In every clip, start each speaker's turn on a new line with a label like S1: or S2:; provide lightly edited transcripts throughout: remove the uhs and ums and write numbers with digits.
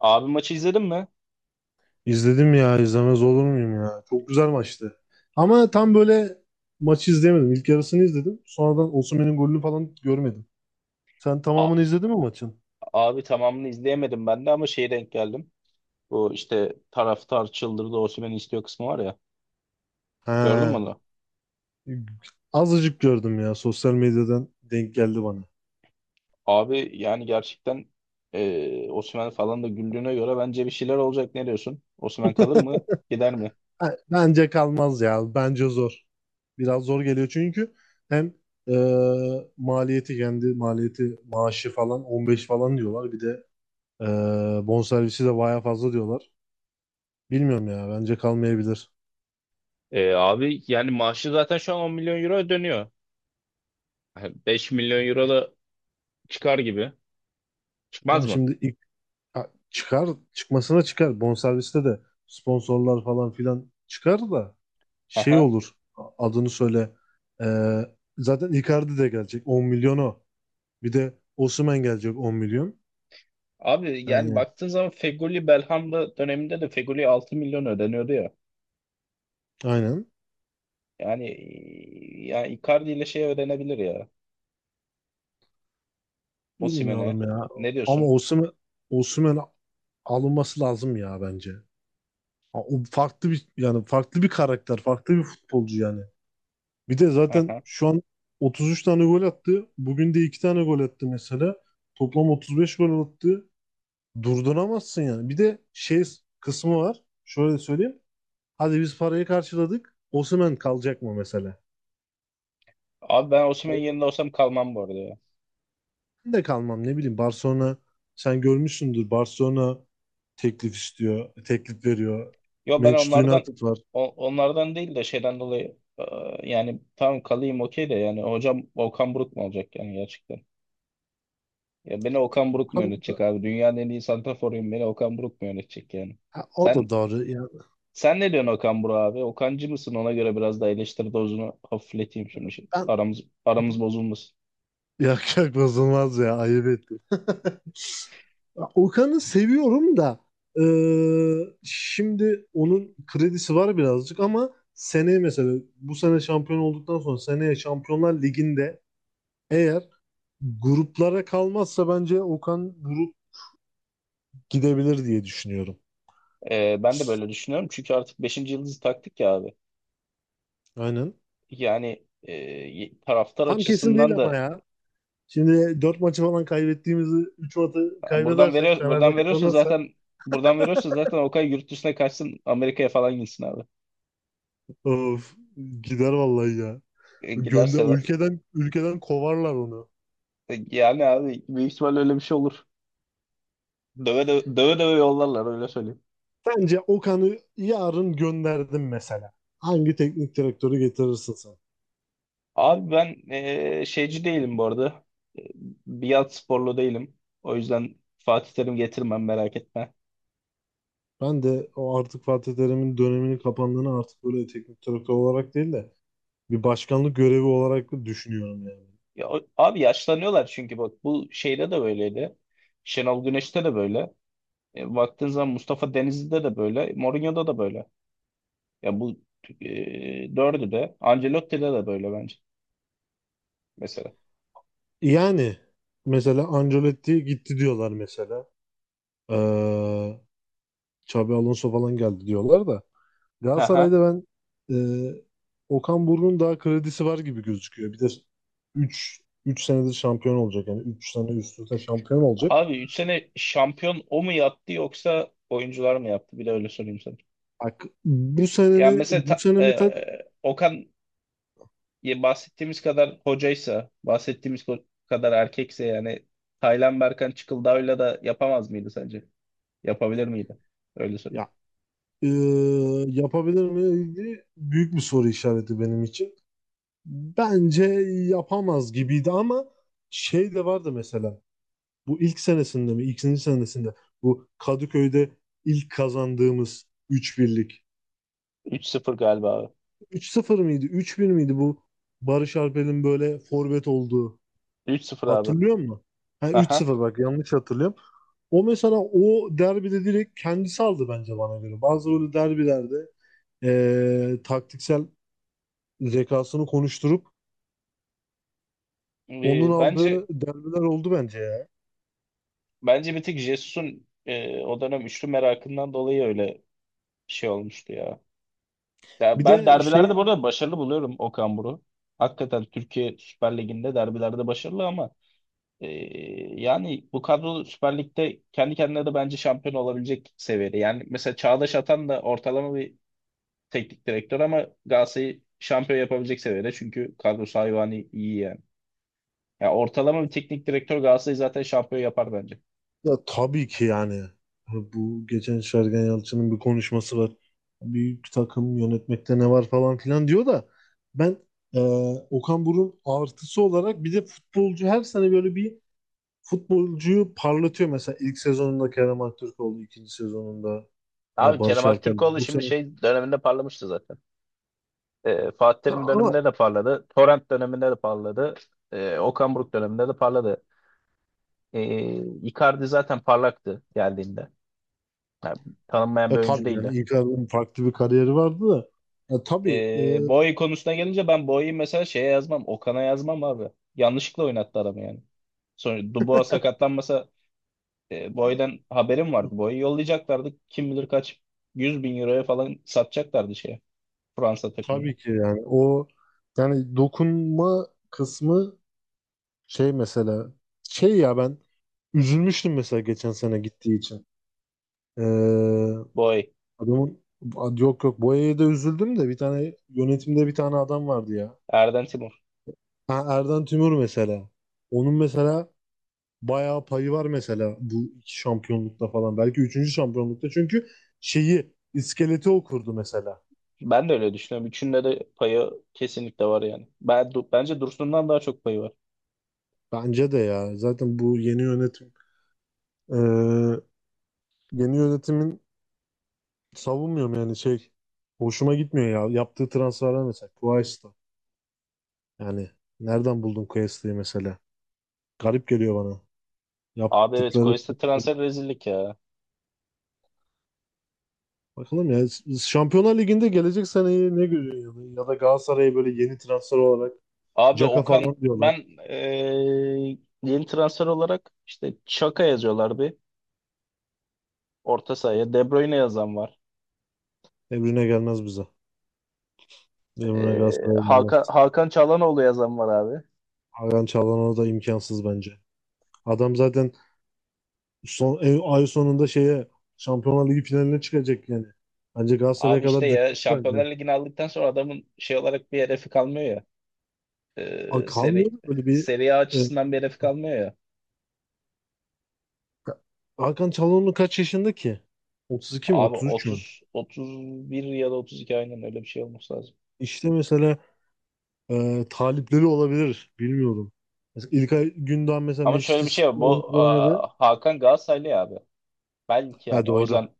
S1: Abi maçı izledin mi?
S2: İzledim ya, izlemez olur muyum ya. Çok güzel maçtı. Ama tam böyle maçı izleyemedim. İlk yarısını izledim. Sonradan Osimhen'in golünü falan görmedim. Sen
S1: A-
S2: tamamını izledin mi maçın?
S1: abi tamamını izleyemedim ben de ama şeye denk geldim. Bu işte taraftar çıldırdı, Osimhen'i istiyor kısmı var ya. Gördün mü
S2: He.
S1: onu?
S2: Azıcık gördüm ya. Sosyal medyadan denk geldi bana.
S1: Abi yani gerçekten Osimhen falan da güldüğüne göre bence bir şeyler olacak. Ne diyorsun? Osimhen kalır mı? Gider mi?
S2: Ha, bence kalmaz ya. Bence zor. Biraz zor geliyor çünkü hem e, maliyeti, kendi maliyeti, maaşı falan 15 falan diyorlar. Bir de e, bonservisi de baya fazla diyorlar. Bilmiyorum ya. Bence kalmayabilir.
S1: Abi yani maaşı zaten şu an 10 milyon euro dönüyor. Yani 5 milyon euro da çıkar gibi. Çıkmaz
S2: Ama
S1: mı?
S2: şimdi ilk çıkar çıkmasına çıkar. Bonserviste de sponsorlar falan filan çıkar da şey
S1: Aha.
S2: olur, adını söyle. Ee, zaten Icardi de gelecek 10 milyon o. Bir de Osimhen gelecek 10 milyon.
S1: Abi yani
S2: Yani
S1: baktığın zaman Fegoli Belhanda döneminde de Fegoli 6 milyon ödeniyordu ya.
S2: aynen.
S1: Yani ya Icardi ile şey öğrenebilir ya. Osimhen'e.
S2: Bilmiyorum ya.
S1: Ne
S2: Ama
S1: diyorsun?
S2: Osimhen, Osimhen alınması lazım ya bence. Ha, o farklı bir yani farklı bir karakter, farklı bir futbolcu yani. Bir de zaten
S1: Aha.
S2: şu an 33 tane gol attı. Bugün de 2 tane gol attı mesela. Toplam 35 gol attı. Durduramazsın yani. Bir de şey kısmı var. Şöyle söyleyeyim. Hadi biz parayı karşıladık. Osimhen kalacak mı mesela?
S1: Abi ben Osimhen'in
S2: O,
S1: yerinde olsam kalmam bu arada ya.
S2: ben de kalmam, ne bileyim. Barcelona, sen görmüşsündür. Barcelona teklif istiyor. Teklif veriyor.
S1: Yo, ben
S2: Manchester
S1: onlardan,
S2: United var.
S1: onlardan değil de şeyden dolayı, yani tamam kalayım okey de yani hocam Okan Buruk mu olacak yani gerçekten? Ya beni Okan Buruk mu yönetecek abi? Dünyanın en iyi santraforuyum. Beni Okan Buruk mu yönetecek yani?
S2: Ha, o
S1: Sen
S2: da doğru. Ya,
S1: sen ne diyorsun Okan Buruk abi? Okancı mısın? Ona göre biraz da eleştiri dozunu hafifleteyim şimdi.
S2: ben
S1: Aramız bozulmasın.
S2: yak yak bozulmaz ya. Ayıp ettim. Okan'ı seviyorum da şimdi onun kredisi var birazcık ama seneye, mesela bu sene şampiyon olduktan sonra seneye Şampiyonlar Ligi'nde eğer gruplara kalmazsa bence Okan grup gidebilir diye düşünüyorum.
S1: Ben de böyle düşünüyorum. Çünkü artık beşinci yıldızı taktık ya abi.
S2: Aynen.
S1: Yani taraftar
S2: Tam kesin değil
S1: açısından da
S2: ama ya. Şimdi 4 maçı falan kaybettiğimizi, 3 maçı
S1: buradan
S2: kaybedersek,
S1: veriyor,
S2: Fener'de
S1: buradan veriyorsun
S2: kazanırsa,
S1: zaten buradan veriyorsun zaten. Okay, yurt dışına kaçsın, Amerika'ya falan gitsin abi.
S2: of, gider vallahi ya.
S1: Giderse,
S2: Gönder, ülkeden kovarlar onu.
S1: yani abi büyük ihtimalle öyle bir şey olur. Döve döve, döve, döve yollarlar, öyle söyleyeyim.
S2: Sence Okan'ı yarın gönderdim mesela. Hangi teknik direktörü getirirsin sen?
S1: Abi ben, şeyci değilim bu arada. E, Biat sporlu değilim. O yüzden Fatih Terim getirmem, merak etme.
S2: Ben de o artık Fatih Terim'in döneminin kapandığını, artık böyle teknik direktör olarak değil de bir başkanlık görevi olarak düşünüyorum yani.
S1: Ya, abi yaşlanıyorlar çünkü bak, bu şeyde de böyleydi. Şenol Güneş'te de böyle. Baktığın zaman Mustafa Denizli'de de böyle. Mourinho'da da böyle. Ya bu dördü de. Ancelotti'de de böyle bence mesela.
S2: Yani mesela Ancelotti gitti diyorlar mesela. Ee, Xabi Alonso falan geldi diyorlar da.
S1: Aha.
S2: Galatasaray'da ben e, Okan Buruk'un daha kredisi var gibi gözüküyor. Bir de 3 3 senedir şampiyon olacak yani 3 sene üst üste şampiyon olacak.
S1: Abi 3 sene şampiyon o mu yaptı yoksa oyuncular mı yaptı? Bir de öyle sorayım sana.
S2: Bak bu
S1: Ya
S2: sene,
S1: mesela
S2: bu sene mesela,
S1: Okan, ya bahsettiğimiz kadar hocaysa, bahsettiğimiz kadar erkekse yani, Taylan Berkan Çıkıldağ'la da yapamaz mıydı sence? Yapabilir miydi? Öyle söyleyeyim.
S2: ya yapabilir mi? İlgili büyük bir soru işareti benim için. Bence yapamaz gibiydi ama şey de vardı mesela. Bu ilk senesinde mi, ikinci senesinde bu Kadıköy'de ilk kazandığımız üç birlik,
S1: 3-0 galiba abi.
S2: üç sıfır mıydı, üç 1 miydi bu? Barış Alper'in böyle forvet olduğu.
S1: 3-0 abi.
S2: Hatırlıyor musun? Ha,
S1: Aha.
S2: 3-0, bak yanlış hatırlıyorum. O mesela, o derbide direkt kendisi aldı bence, bana göre. Bazı böyle derbilerde taktiksel zekasını konuşturup
S1: Ee,
S2: onun
S1: bence
S2: aldığı derbiler oldu bence ya.
S1: bence bir tek Jesus'un, o dönem üçlü merakından dolayı öyle bir şey olmuştu ya. Ya
S2: Bir
S1: ben
S2: de
S1: derbilerde
S2: şey,
S1: burada başarılı buluyorum Okan Buruk'u. Hakikaten Türkiye Süper Ligi'nde derbilerde başarılı ama e, yani bu kadro Süper Lig'de kendi kendine de bence şampiyon olabilecek seviyede. Yani mesela Çağdaş Atan da ortalama bir teknik direktör ama Galatasaray'ı şampiyon yapabilecek seviyede. Çünkü kadrosu hayvani iyi. Ya, ortalama bir teknik direktör Galatasaray'ı zaten şampiyon yapar bence.
S2: ya tabii ki yani, bu geçen Sergen Yalçın'ın bir konuşması var. Büyük takım yönetmekte ne var falan filan diyor da, ben Okan Buruk'un artısı olarak bir de futbolcu, her sene böyle bir futbolcuyu parlatıyor mesela. İlk sezonunda Kerem Aktürkoğlu, ikinci sezonunda
S1: Abi Kerem
S2: Barış Alper.
S1: Aktürkoğlu
S2: Bu
S1: şimdi
S2: sene
S1: şey döneminde parlamıştı zaten. Fatih Terim
S2: Ama
S1: döneminde de parladı. Torrent döneminde de parladı. Okan Buruk döneminde de parladı. Icardi zaten parlaktı geldiğinde. Yani tanınmayan bir oyuncu
S2: tabii yani
S1: değildi.
S2: Icardi'nin farklı bir kariyeri vardı da e, tabii e,
S1: Boye konusuna gelince, ben Boye'yi mesela şeye yazmam. Okan'a yazmam abi. Yanlışlıkla oynattı adamı yani. Sonra Dubois sakatlanmasa. Boy'dan haberim vardı. Boy'u yollayacaklardı. Kim bilir kaç 100 bin euroya falan satacaklardı şeye. Fransa takımına.
S2: tabii ki yani o, yani dokunma kısmı, şey mesela, şey ya, ben üzülmüştüm mesela geçen sene gittiği için. E,
S1: Boy.
S2: adamın, yok, Boya'ya da üzüldüm de bir tane yönetimde bir tane adam vardı ya.
S1: Erden Timur.
S2: Ha, Erden Tümür mesela. Onun mesela bayağı payı var mesela bu iki şampiyonlukta falan. Belki üçüncü şampiyonlukta, çünkü şeyi, iskeleti okurdu mesela.
S1: Ben de öyle düşünüyorum. Üçünde de payı kesinlikle var yani. Ben, bence Dursun'dan daha çok payı var.
S2: Bence de ya. Zaten bu yeni yönetim, e, yeni yönetimin, savunmuyorum yani, şey, hoşuma gitmiyor ya. Yaptığı transferler mesela Quaista. Yani nereden buldun Quaista'yı mesela? Garip geliyor bana.
S1: Abi evet,
S2: Yaptıkları,
S1: Koyes'te transfer rezillik ya.
S2: bakalım ya, Şampiyonlar Ligi'nde gelecek seneyi ne görüyor ya da Galatasaray'ı böyle yeni transfer olarak,
S1: Abi
S2: Caka
S1: Okan,
S2: falan diyorlar.
S1: ben yeni transfer olarak işte Çaka yazıyorlar bir orta sahaya. De Bruyne yazan var.
S2: Emrine gelmez bize. Emre Galatasaray'a gelmez.
S1: Hakan Çalhanoğlu yazan var abi.
S2: Hakan Çalhanoğlu da imkansız bence. Adam zaten son, ay sonunda şeye Şampiyonlar Ligi finaline çıkacak yani. Bence Galatasaray'a
S1: Abi
S2: kadar
S1: işte ya,
S2: düşmüş bence.
S1: Şampiyonlar Ligi'ni aldıktan sonra adamın şey olarak bir hedefi kalmıyor ya.
S2: A,
S1: Ee,
S2: kalmıyor
S1: seri,
S2: mu böyle bir,
S1: seri A
S2: e,
S1: açısından bir hedefi kalmıyor ya.
S2: Hakan Çalhanoğlu kaç yaşında ki? 32 mi,
S1: Abi
S2: 33 mü?
S1: 30 31 ya da 32, aynen öyle bir şey olması lazım.
S2: İşte mesela talipleri olabilir. Bilmiyorum. Mesela İlkay Gündoğan, mesela
S1: Ama şöyle
S2: Manchester
S1: bir şey var.
S2: City'de
S1: Bu
S2: oynadı.
S1: Hakan Galatasaraylı ya abi. Belki
S2: Ha,
S1: yani o
S2: doğru.
S1: yüzden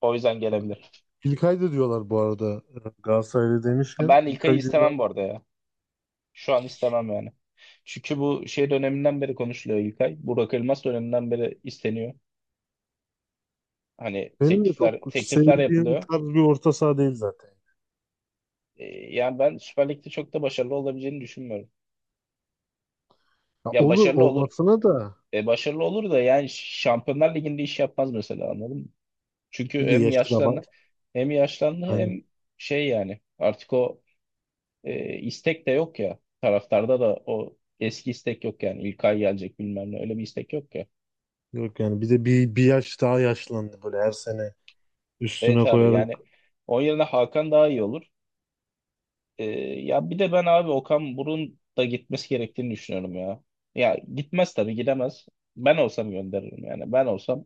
S1: o yüzden gelebilir.
S2: İlkay da diyorlar bu arada. E, Galatasaray'da demişken,
S1: Ben İlkay'ı
S2: İlkay
S1: istemem
S2: Gündoğan
S1: bu arada ya. Şu an istemem yani. Çünkü bu şey döneminden beri konuşuluyor İlkay. Burak Elmas döneminden beri isteniyor. Hani
S2: benim de çok
S1: teklifler
S2: sevdiğim
S1: yapılıyor.
S2: tarz bir orta saha değil zaten.
S1: E, yani ben Süper Lig'de çok da başarılı olabileceğini düşünmüyorum.
S2: Ya
S1: Ya,
S2: olur
S1: başarılı olur.
S2: olmasına da
S1: Başarılı olur da yani Şampiyonlar Ligi'nde iş yapmaz mesela, anladın mı? Çünkü
S2: bir de
S1: hem
S2: yaşı da var.
S1: yaşlandı hem yaşlandı
S2: Yani
S1: hem şey, yani artık o, istek de yok ya. Taraftarda da o eski istek yok yani. İlkay gelecek, bilmem ne, öyle bir istek yok ya.
S2: yok yani, bir de bir yaş daha yaşlandı böyle her sene üstüne
S1: Evet abi,
S2: koyarak.
S1: yani onun yerine Hakan daha iyi olur. Ee, Ya bir de ben abi Okan Buruk'un da gitmesi gerektiğini düşünüyorum ya. Ya gitmez tabii, gidemez. Ben olsam gönderirim yani.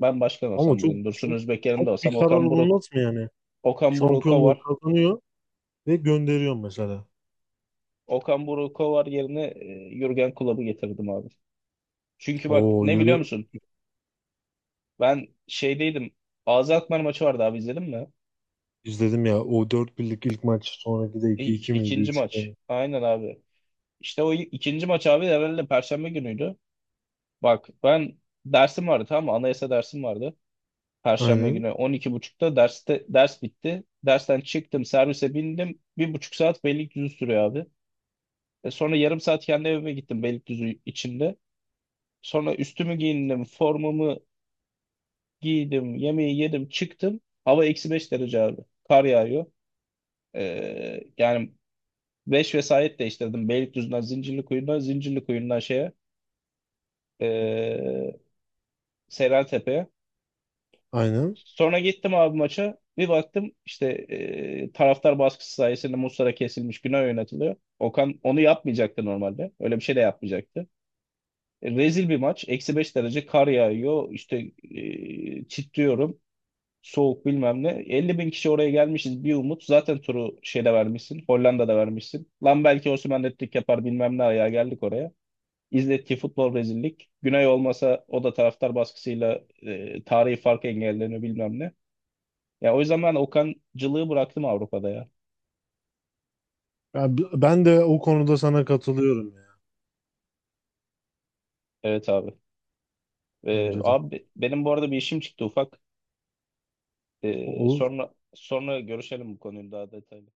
S1: Ben başkan
S2: Ama
S1: olsam, bugün Dursun Özbek yerinde
S2: çok
S1: olsam,
S2: bir karar
S1: Okan Buruk,
S2: olmaz mı yani?
S1: Okan Buruk
S2: Şampiyonluğu
S1: kovar.
S2: kazanıyor ve gönderiyor mesela.
S1: Okan Buruk kovar yerine Jürgen Klopp'u getirdim abi. Çünkü bak,
S2: Oo,
S1: ne biliyor
S2: yürü,
S1: musun? Ben şeydeydim. Ağzı Alkmaar maçı vardı abi, izledin mi?
S2: izledim ya, o 4 birlik ilk maç, sonraki de
S1: İ
S2: iki 2 miydi,
S1: ikinci
S2: 3-2
S1: maç.
S2: miydi?
S1: Aynen abi. İşte o ikinci maç abi herhalde Perşembe günüydü. Bak ben dersim vardı, tamam mı? Anayasa dersim vardı. Perşembe
S2: Aynen
S1: günü 12:30'da derste ders bitti. Dersten çıktım, servise bindim. 1,5 saat Beylikdüzü sürüyor abi. Sonra yarım saat kendi evime gittim Beylikdüzü içinde. Sonra üstümü giyindim, formamı giydim, yemeği yedim, çıktım. Hava -5 derece abi. Kar yağıyor. Yani 5 vesayet değiştirdim. Beylikdüzü'nden Zincirlikuyu'na, Zincirlikuyu'ndan şeye, e, Seyrantepe'ye.
S2: aynen.
S1: Sonra gittim abi maça. Bir baktım işte taraftar baskısı sayesinde Muslera kesilmiş güne oynatılıyor. Okan onu yapmayacaktı normalde. Öyle bir şey de yapmayacaktı. Rezil bir maç. -5 derece, kar yağıyor. İşte titriyorum. Soğuk, bilmem ne. 50 bin kişi oraya gelmişiz bir umut. Zaten turu şeyde vermişsin. Hollanda'da vermişsin. Lan belki Osimhen hat-trick yapar bilmem ne, ayağa geldik oraya. İzlettiği futbol rezillik. Güney olmasa, o da taraftar baskısıyla tarihi fark engellerini bilmem ne. Ya o yüzden ben Okancılığı bıraktım Avrupa'da ya.
S2: Ya ben de o konuda sana katılıyorum ya,
S1: Evet abi.
S2: bence de.
S1: Abi benim bu arada bir işim çıktı ufak. Ee,
S2: O,
S1: sonra sonra görüşelim bu konuyu daha detaylı.